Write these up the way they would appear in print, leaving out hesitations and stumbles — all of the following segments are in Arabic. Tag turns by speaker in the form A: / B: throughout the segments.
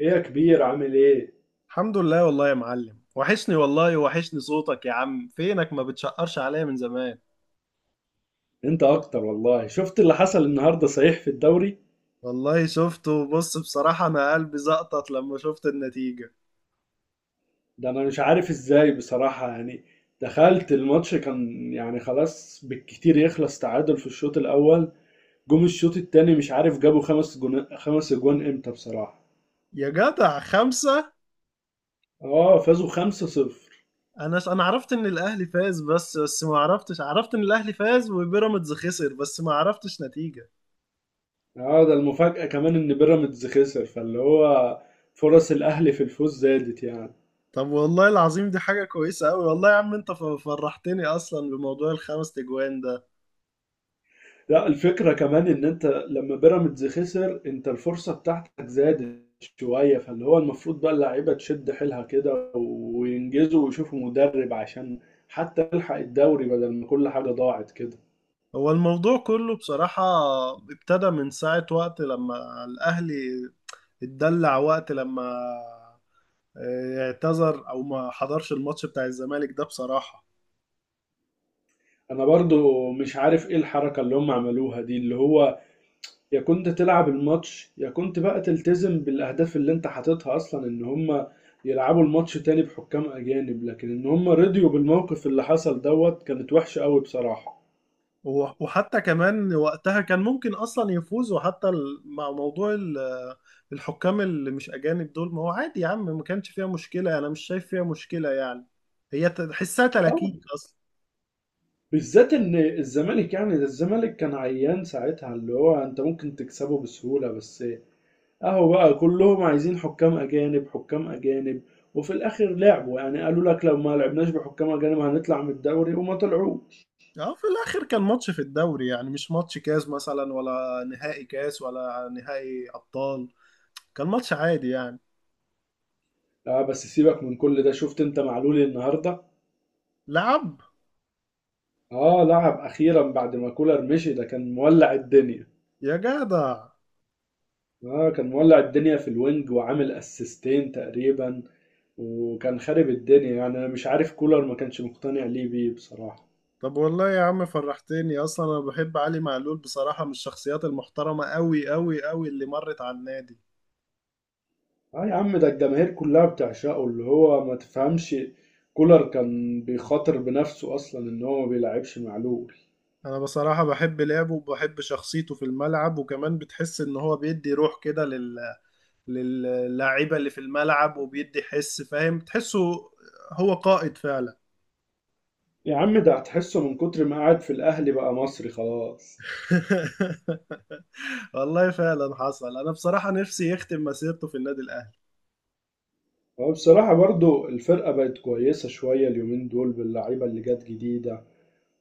A: ايه يا كبير عامل ايه؟
B: الحمد لله والله يا معلم. وحشني والله، وحشني صوتك يا عم. فينك؟ ما بتشقرش عليا من زمان.
A: انت اكتر والله. شفت اللي حصل النهارده صحيح في الدوري؟
B: والله شفته. بص بصراحة أنا قلبي زقطت لما شفت النتيجة.
A: ده انا مش عارف ازاي بصراحة يعني. دخلت الماتش كان يعني خلاص بالكتير يخلص تعادل في الشوط الاول. جم الشوط التاني مش عارف جابوا خمس اجوان امتى بصراحة.
B: يا جدع خمسة!
A: اه فازوا خمسة صفر.
B: أنا عرفت إن الأهلي فاز، بس ما عرفتش. عرفت إن الأهلي فاز وبيراميدز خسر، بس ما عرفتش نتيجة.
A: اه ده المفاجأة كمان ان بيراميدز خسر، فاللي هو فرص الاهلي في الفوز زادت يعني.
B: طب والله العظيم دي حاجة كويسة أوي. والله يا عم أنت فرحتني أصلا بموضوع الخمس تجوان ده.
A: لا، الفكرة كمان ان انت لما بيراميدز خسر انت الفرصة بتاعتك زادت شوية، فاللي هو المفروض بقى اللعيبة تشد حيلها كده وينجزوا ويشوفوا مدرب عشان حتى يلحق الدوري بدل ما كل حاجة ضاعت كده.
B: هو الموضوع كله بصراحة ابتدى من ساعة وقت لما الأهلي اتدلع، وقت لما اعتذر او ما حضرش الماتش بتاع الزمالك ده بصراحة.
A: انا برضو مش عارف ايه الحركة اللي هم عملوها دي، اللي هو يا كنت تلعب الماتش يا كنت بقى تلتزم بالاهداف اللي انت حاططها اصلا، ان هم يلعبوا الماتش تاني بحكام اجانب، لكن ان هم رضيوا بالموقف اللي حصل دوت كانت وحشة قوي بصراحة.
B: وحتى كمان وقتها كان ممكن اصلا يفوز، وحتى مع موضوع الحكام اللي مش اجانب دول، ما هو عادي يا عم، ما كانش فيها مشكلة. انا مش شايف فيها مشكلة يعني، هي تحسها تلاكيك اصلا.
A: بالذات ان الزمالك يعني ده الزمالك كان عيان ساعتها، اللي هو انت ممكن تكسبه بسهولة، بس اهو بقى كلهم عايزين حكام اجانب حكام اجانب. وفي الاخر لعبوا، يعني قالوا لك لو ما لعبناش بحكام اجانب هنطلع من الدوري، وما طلعوش.
B: اه في الاخر كان ماتش في الدوري يعني، مش ماتش كاس مثلا، ولا نهائي كاس، ولا نهائي ابطال. كان ماتش عادي يعني.
A: اه بس سيبك من كل ده، شفت انت معلول النهارده.
B: لعب.
A: اه لعب اخيرا بعد ما كولر مشي، ده كان مولع الدنيا.
B: يا جدع
A: اه كان مولع الدنيا في الوينج وعامل اسيستين تقريبا، وكان خارب الدنيا يعني. انا مش عارف كولر ما كانش مقتنع ليه بيه بصراحة.
B: طب والله يا عم فرحتني اصلا. انا بحب علي معلول بصراحة، من الشخصيات المحترمة قوي قوي قوي اللي مرت على النادي.
A: اه يا عم ده الجماهير كلها بتعشقه، اللي هو ما تفهمش. كولر كان بيخاطر بنفسه اصلا ان هو ما بيلعبش معلول.
B: انا بصراحة بحب لعبه وبحب شخصيته في الملعب، وكمان بتحس ان هو بيدي روح كده للاعيبة اللي في الملعب، وبيدي حس فاهم، تحسه هو قائد فعلا.
A: يا عم ده هتحسه من كتر ما قعد في الاهلي بقى مصري خلاص.
B: والله فعلا حصل. انا بصراحة نفسي يختم مسيرته في النادي الاهلي.
A: هو بصراحة برضو الفرقة بقت كويسة شوية اليومين دول باللعيبة اللي جت جديدة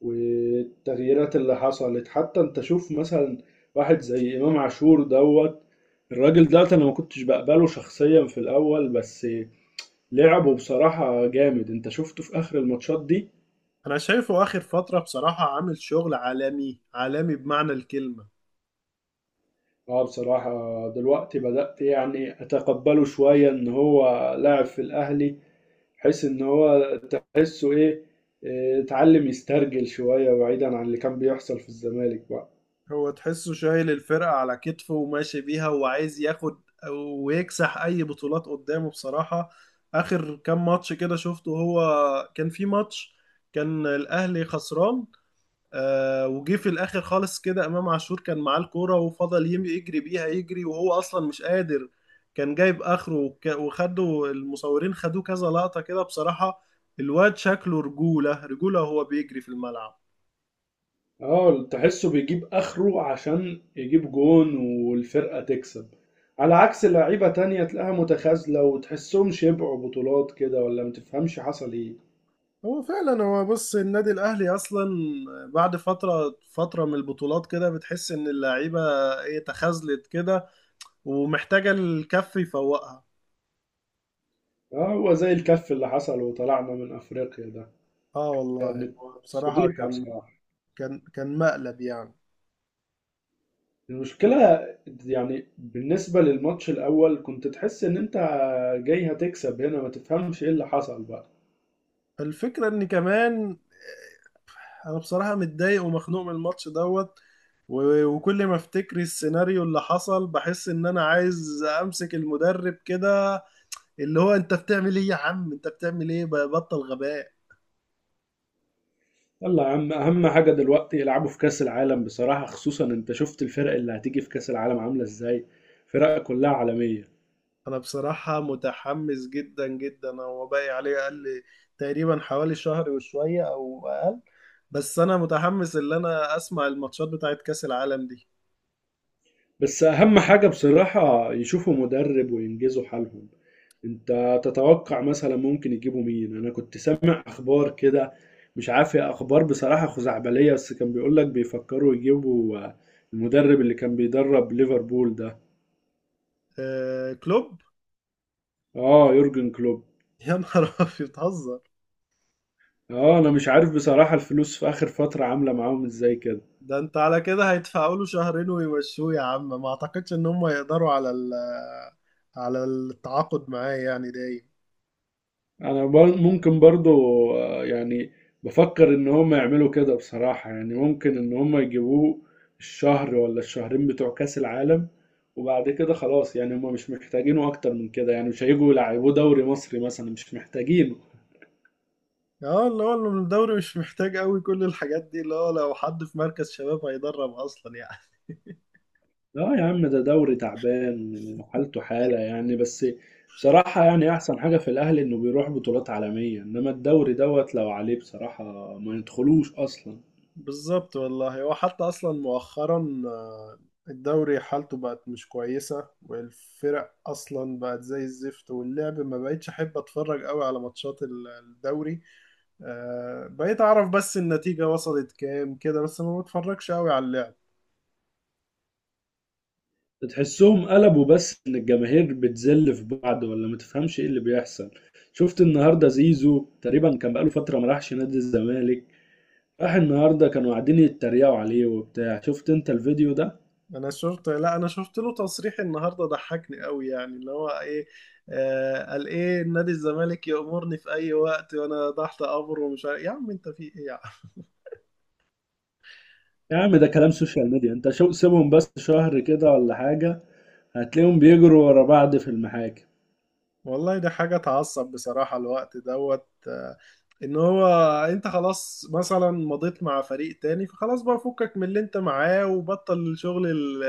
A: والتغييرات اللي حصلت، حتى انت شوف مثلا واحد زي امام عاشور دوت. الراجل ده انا ما كنتش بقبله شخصيا في الاول، بس لعبه بصراحة جامد. انت شفته في اخر الماتشات دي؟
B: انا شايفه اخر فترة بصراحة عامل شغل عالمي، عالمي بمعنى الكلمة.
A: اه بصراحة. دلوقتي بدأت يعني أتقبله شوية إن هو لاعب في الأهلي، بحيث إن هو تحسه إيه، اتعلم يسترجل شوية بعيدا عن اللي كان بيحصل في الزمالك بقى.
B: هو تحسه شايل الفرقة على كتفه وماشي بيها، وعايز ياخد ويكسح أي بطولات قدامه بصراحة. آخر كام ماتش كده شفته، هو كان في ماتش كان الأهلي خسران، آه وجه في الآخر خالص كده إمام عاشور، كان معاه الكورة وفضل يجري بيها يجري، وهو أصلا مش قادر، كان جايب آخره. وخدوا المصورين خدوه كذا لقطة كده بصراحة. الواد شكله رجولة رجولة وهو بيجري في الملعب.
A: اه تحسه بيجيب آخره عشان يجيب جون والفرقة تكسب، على عكس لعيبة تانية تلاقيها متخاذلة وتحسهم شبعوا بطولات كده، ولا متفهمش حصل إيه.
B: هو فعلا، هو بص النادي الاهلي اصلا بعد فتره من البطولات كده بتحس ان اللعيبه ايه، تخاذلت كده ومحتاجه الكف يفوقها.
A: اه هو زي الكف اللي حصل وطلعنا من أفريقيا ده.
B: اه والله هو بصراحه
A: فضيحة
B: كان،
A: بصراحة.
B: كان مقلب يعني.
A: المشكلة يعني بالنسبة للماتش الأول كنت تحس إن أنت جاي هتكسب، هنا ما تفهمش إيه اللي حصل بقى.
B: الفكره ان كمان انا بصراحه متضايق ومخنوق من الماتش دوت، وكل ما افتكر السيناريو اللي حصل بحس ان انا عايز امسك المدرب كده، اللي هو انت بتعمل ايه يا عم؟ انت بتعمل ايه؟ بطل غباء.
A: يلا يا عم أهم حاجة دلوقتي يلعبوا في كأس العالم بصراحة، خصوصا أنت شفت الفرق اللي هتيجي في كأس العالم عاملة إزاي، فرق كلها عالمية.
B: انا بصراحة متحمس جدا جدا، هو باقي عليه اقل تقريبا، حوالي شهر وشوية او اقل. بس انا متحمس ان انا اسمع الماتشات بتاعت كأس العالم دي.
A: بس أهم حاجة بصراحة يشوفوا مدرب وينجزوا حالهم. انت تتوقع مثلا ممكن يجيبوا مين؟ انا كنت سامع اخبار كده، مش عارف هي اخبار بصراحة خزعبلية، بس كان بيقول لك بيفكروا يجيبوا المدرب اللي كان بيدرب ليفربول ده.
B: آه كلوب.
A: اه يورجن كلوب.
B: يا نهار ابيض، بتهزر.
A: اه انا مش عارف بصراحة الفلوس في اخر فترة عاملة معاهم ازاي كده.
B: ده انت على كده هيدفعوا له شهرين ويمشوه يا عم. ما اعتقدش ان هم يقدروا على على التعاقد معاه يعني دايم.
A: ممكن برضو يعني بفكر ان هم يعملوا كده بصراحة، يعني ممكن ان هم يجيبوه الشهر ولا الشهرين بتوع كأس العالم، وبعد كده خلاص يعني هم مش محتاجينه اكتر من كده، يعني مش هيجوا يلعبوه دوري مصري مثلا، مش محتاجينه.
B: اه، اللي هو الدوري مش محتاج قوي كل الحاجات دي، اللي هو لو حد في مركز شباب هيدرب اصلا يعني.
A: لا يا عم ده دوري تعبان وحالته حالة يعني. بس بصراحة يعني احسن حاجة في الاهلي انه بيروح بطولات عالمية، انما الدوري دوت لو عليه بصراحة ما يدخلوش اصلا.
B: بالظبط والله، هو حتى اصلا مؤخرا الدوري حالته بقت مش كويسه، والفرق اصلا بقت زي الزفت، واللعب ما بقتش احب اتفرج قوي على ماتشات الدوري. بقيت اعرف بس النتيجه وصلت كام كده، بس ما بتفرجش قوي على اللعب.
A: تحسهم قلبوا بس ان الجماهير بتذل في بعض، ولا ما تفهمش ايه اللي بيحصل. شفت النهارده زيزو تقريبا كان بقاله فتره ما راحش نادي الزمالك، راح النهارده كانوا قاعدين يتريقوا عليه وبتاع. شفت انت الفيديو ده؟
B: انا شفت، لا انا شفت له تصريح النهارده ضحكني قوي يعني، اللي هو ايه، قال ايه نادي الزمالك يأمرني في اي وقت وانا تحت امره، ومش عارف. يا عم انت في ايه يا؟
A: يا عم ده كلام سوشيال ميديا، انت شو سيبهم بس شهر كده ولا حاجه، هتلاقيهم بيجروا ورا بعض في المحاكم.
B: والله ده حاجة تعصب بصراحة الوقت دوت، ان هو انت خلاص مثلا مضيت مع فريق تاني، فخلاص بقى فكك من اللي انت معاه، وبطل الشغل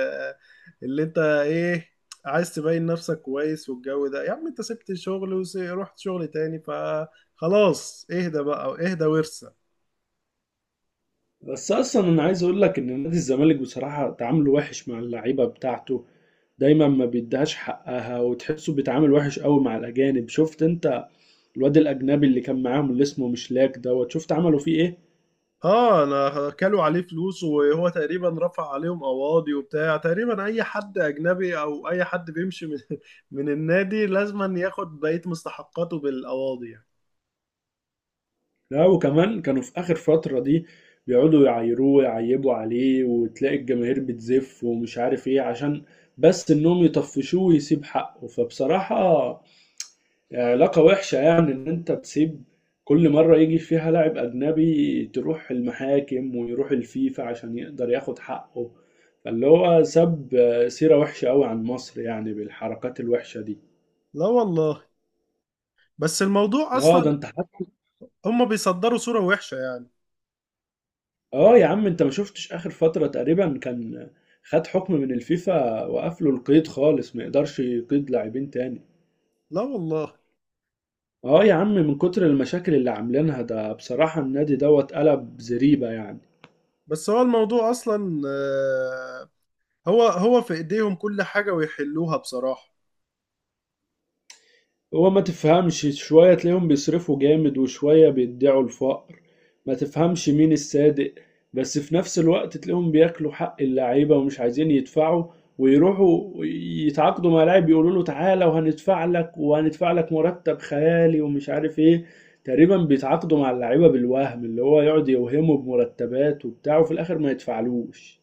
B: اللي انت ايه عايز تبين نفسك كويس. والجو ده يا عم انت سبت الشغل ورحت شغل تاني، فخلاص اهدى بقى، اهدى وارسى.
A: بس اصلا انا عايز اقول لك ان نادي الزمالك بصراحه تعامله وحش مع اللعيبه بتاعته. دايما ما بيديهاش حقها، وتحسه بيتعامل وحش قوي مع الاجانب. شفت انت الواد الأجنبي اللي كان معاهم اللي اسمه مشلاك دوت شفت عملوا فيه إيه؟
B: اه انا كلوا عليه فلوس، وهو تقريبا رفع عليهم قواضي وبتاع. تقريبا اي حد اجنبي او اي حد بيمشي من, من النادي لازم ياخد بقية مستحقاته بالقواضي يعني.
A: لا وكمان كانوا في آخر فترة دي بيقعدوا يعايروه ويعيبوا عليه، وتلاقي الجماهير بتزف ومش عارف إيه، عشان بس إنهم يطفشوه ويسيب حقه. فبصراحة علاقة وحشة، يعني إن أنت تسيب، كل مرة يجي فيها لاعب أجنبي تروح المحاكم ويروح الفيفا عشان يقدر ياخد حقه، فاللي هو ساب سيرة وحشة أوي عن مصر يعني بالحركات الوحشة دي.
B: لا والله بس الموضوع
A: اه
B: اصلا
A: ده انت حتى.
B: هم بيصدروا صورة وحشة يعني.
A: اه يا عم انت ما شفتش اخر فترة تقريبا كان خد حكم من الفيفا وقفله القيد خالص ما يقدرش يقيد لاعبين تاني.
B: لا والله،
A: اه يا عم من كتر المشاكل اللي عاملينها ده بصراحة النادي دوت قلب زريبة يعني.
B: بس هو الموضوع اصلا هو في ايديهم كل حاجة ويحلوها بصراحة.
A: هو ما تفهمش شوية تلاقيهم بيصرفوا جامد، وشوية بيدعوا الفقر، ما تفهمش مين الصادق. بس في نفس الوقت تلاقيهم بياكلوا حق اللعيبة ومش عايزين يدفعوا، ويروحوا يتعاقدوا مع لاعب يقولوا له تعالى وهندفع لك وهندفع لك مرتب خيالي ومش عارف ايه. تقريبا بيتعاقدوا مع اللعيبة بالوهم اللي هو يقعد يوهمه بمرتبات وبتاع، وفي الآخر ما يدفعلوش.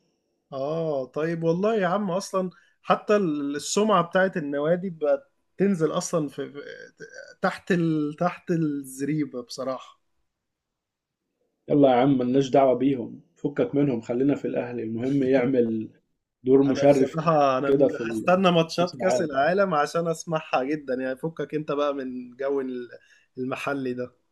B: اه طيب والله يا عم اصلا حتى السمعة بتاعت النوادي بقت تنزل اصلا في تحت تحت الزريبة بصراحة.
A: يلا يا عم ملناش دعوة بيهم، فكك منهم خلينا في الأهلي، المهم يعمل دور
B: انا
A: مشرف
B: بصراحة انا
A: كده في
B: هستنى
A: كأس
B: ماتشات كأس
A: العالم.
B: العالم عشان اسمعها جدا يعني. فكك انت بقى من جو المحلي ده.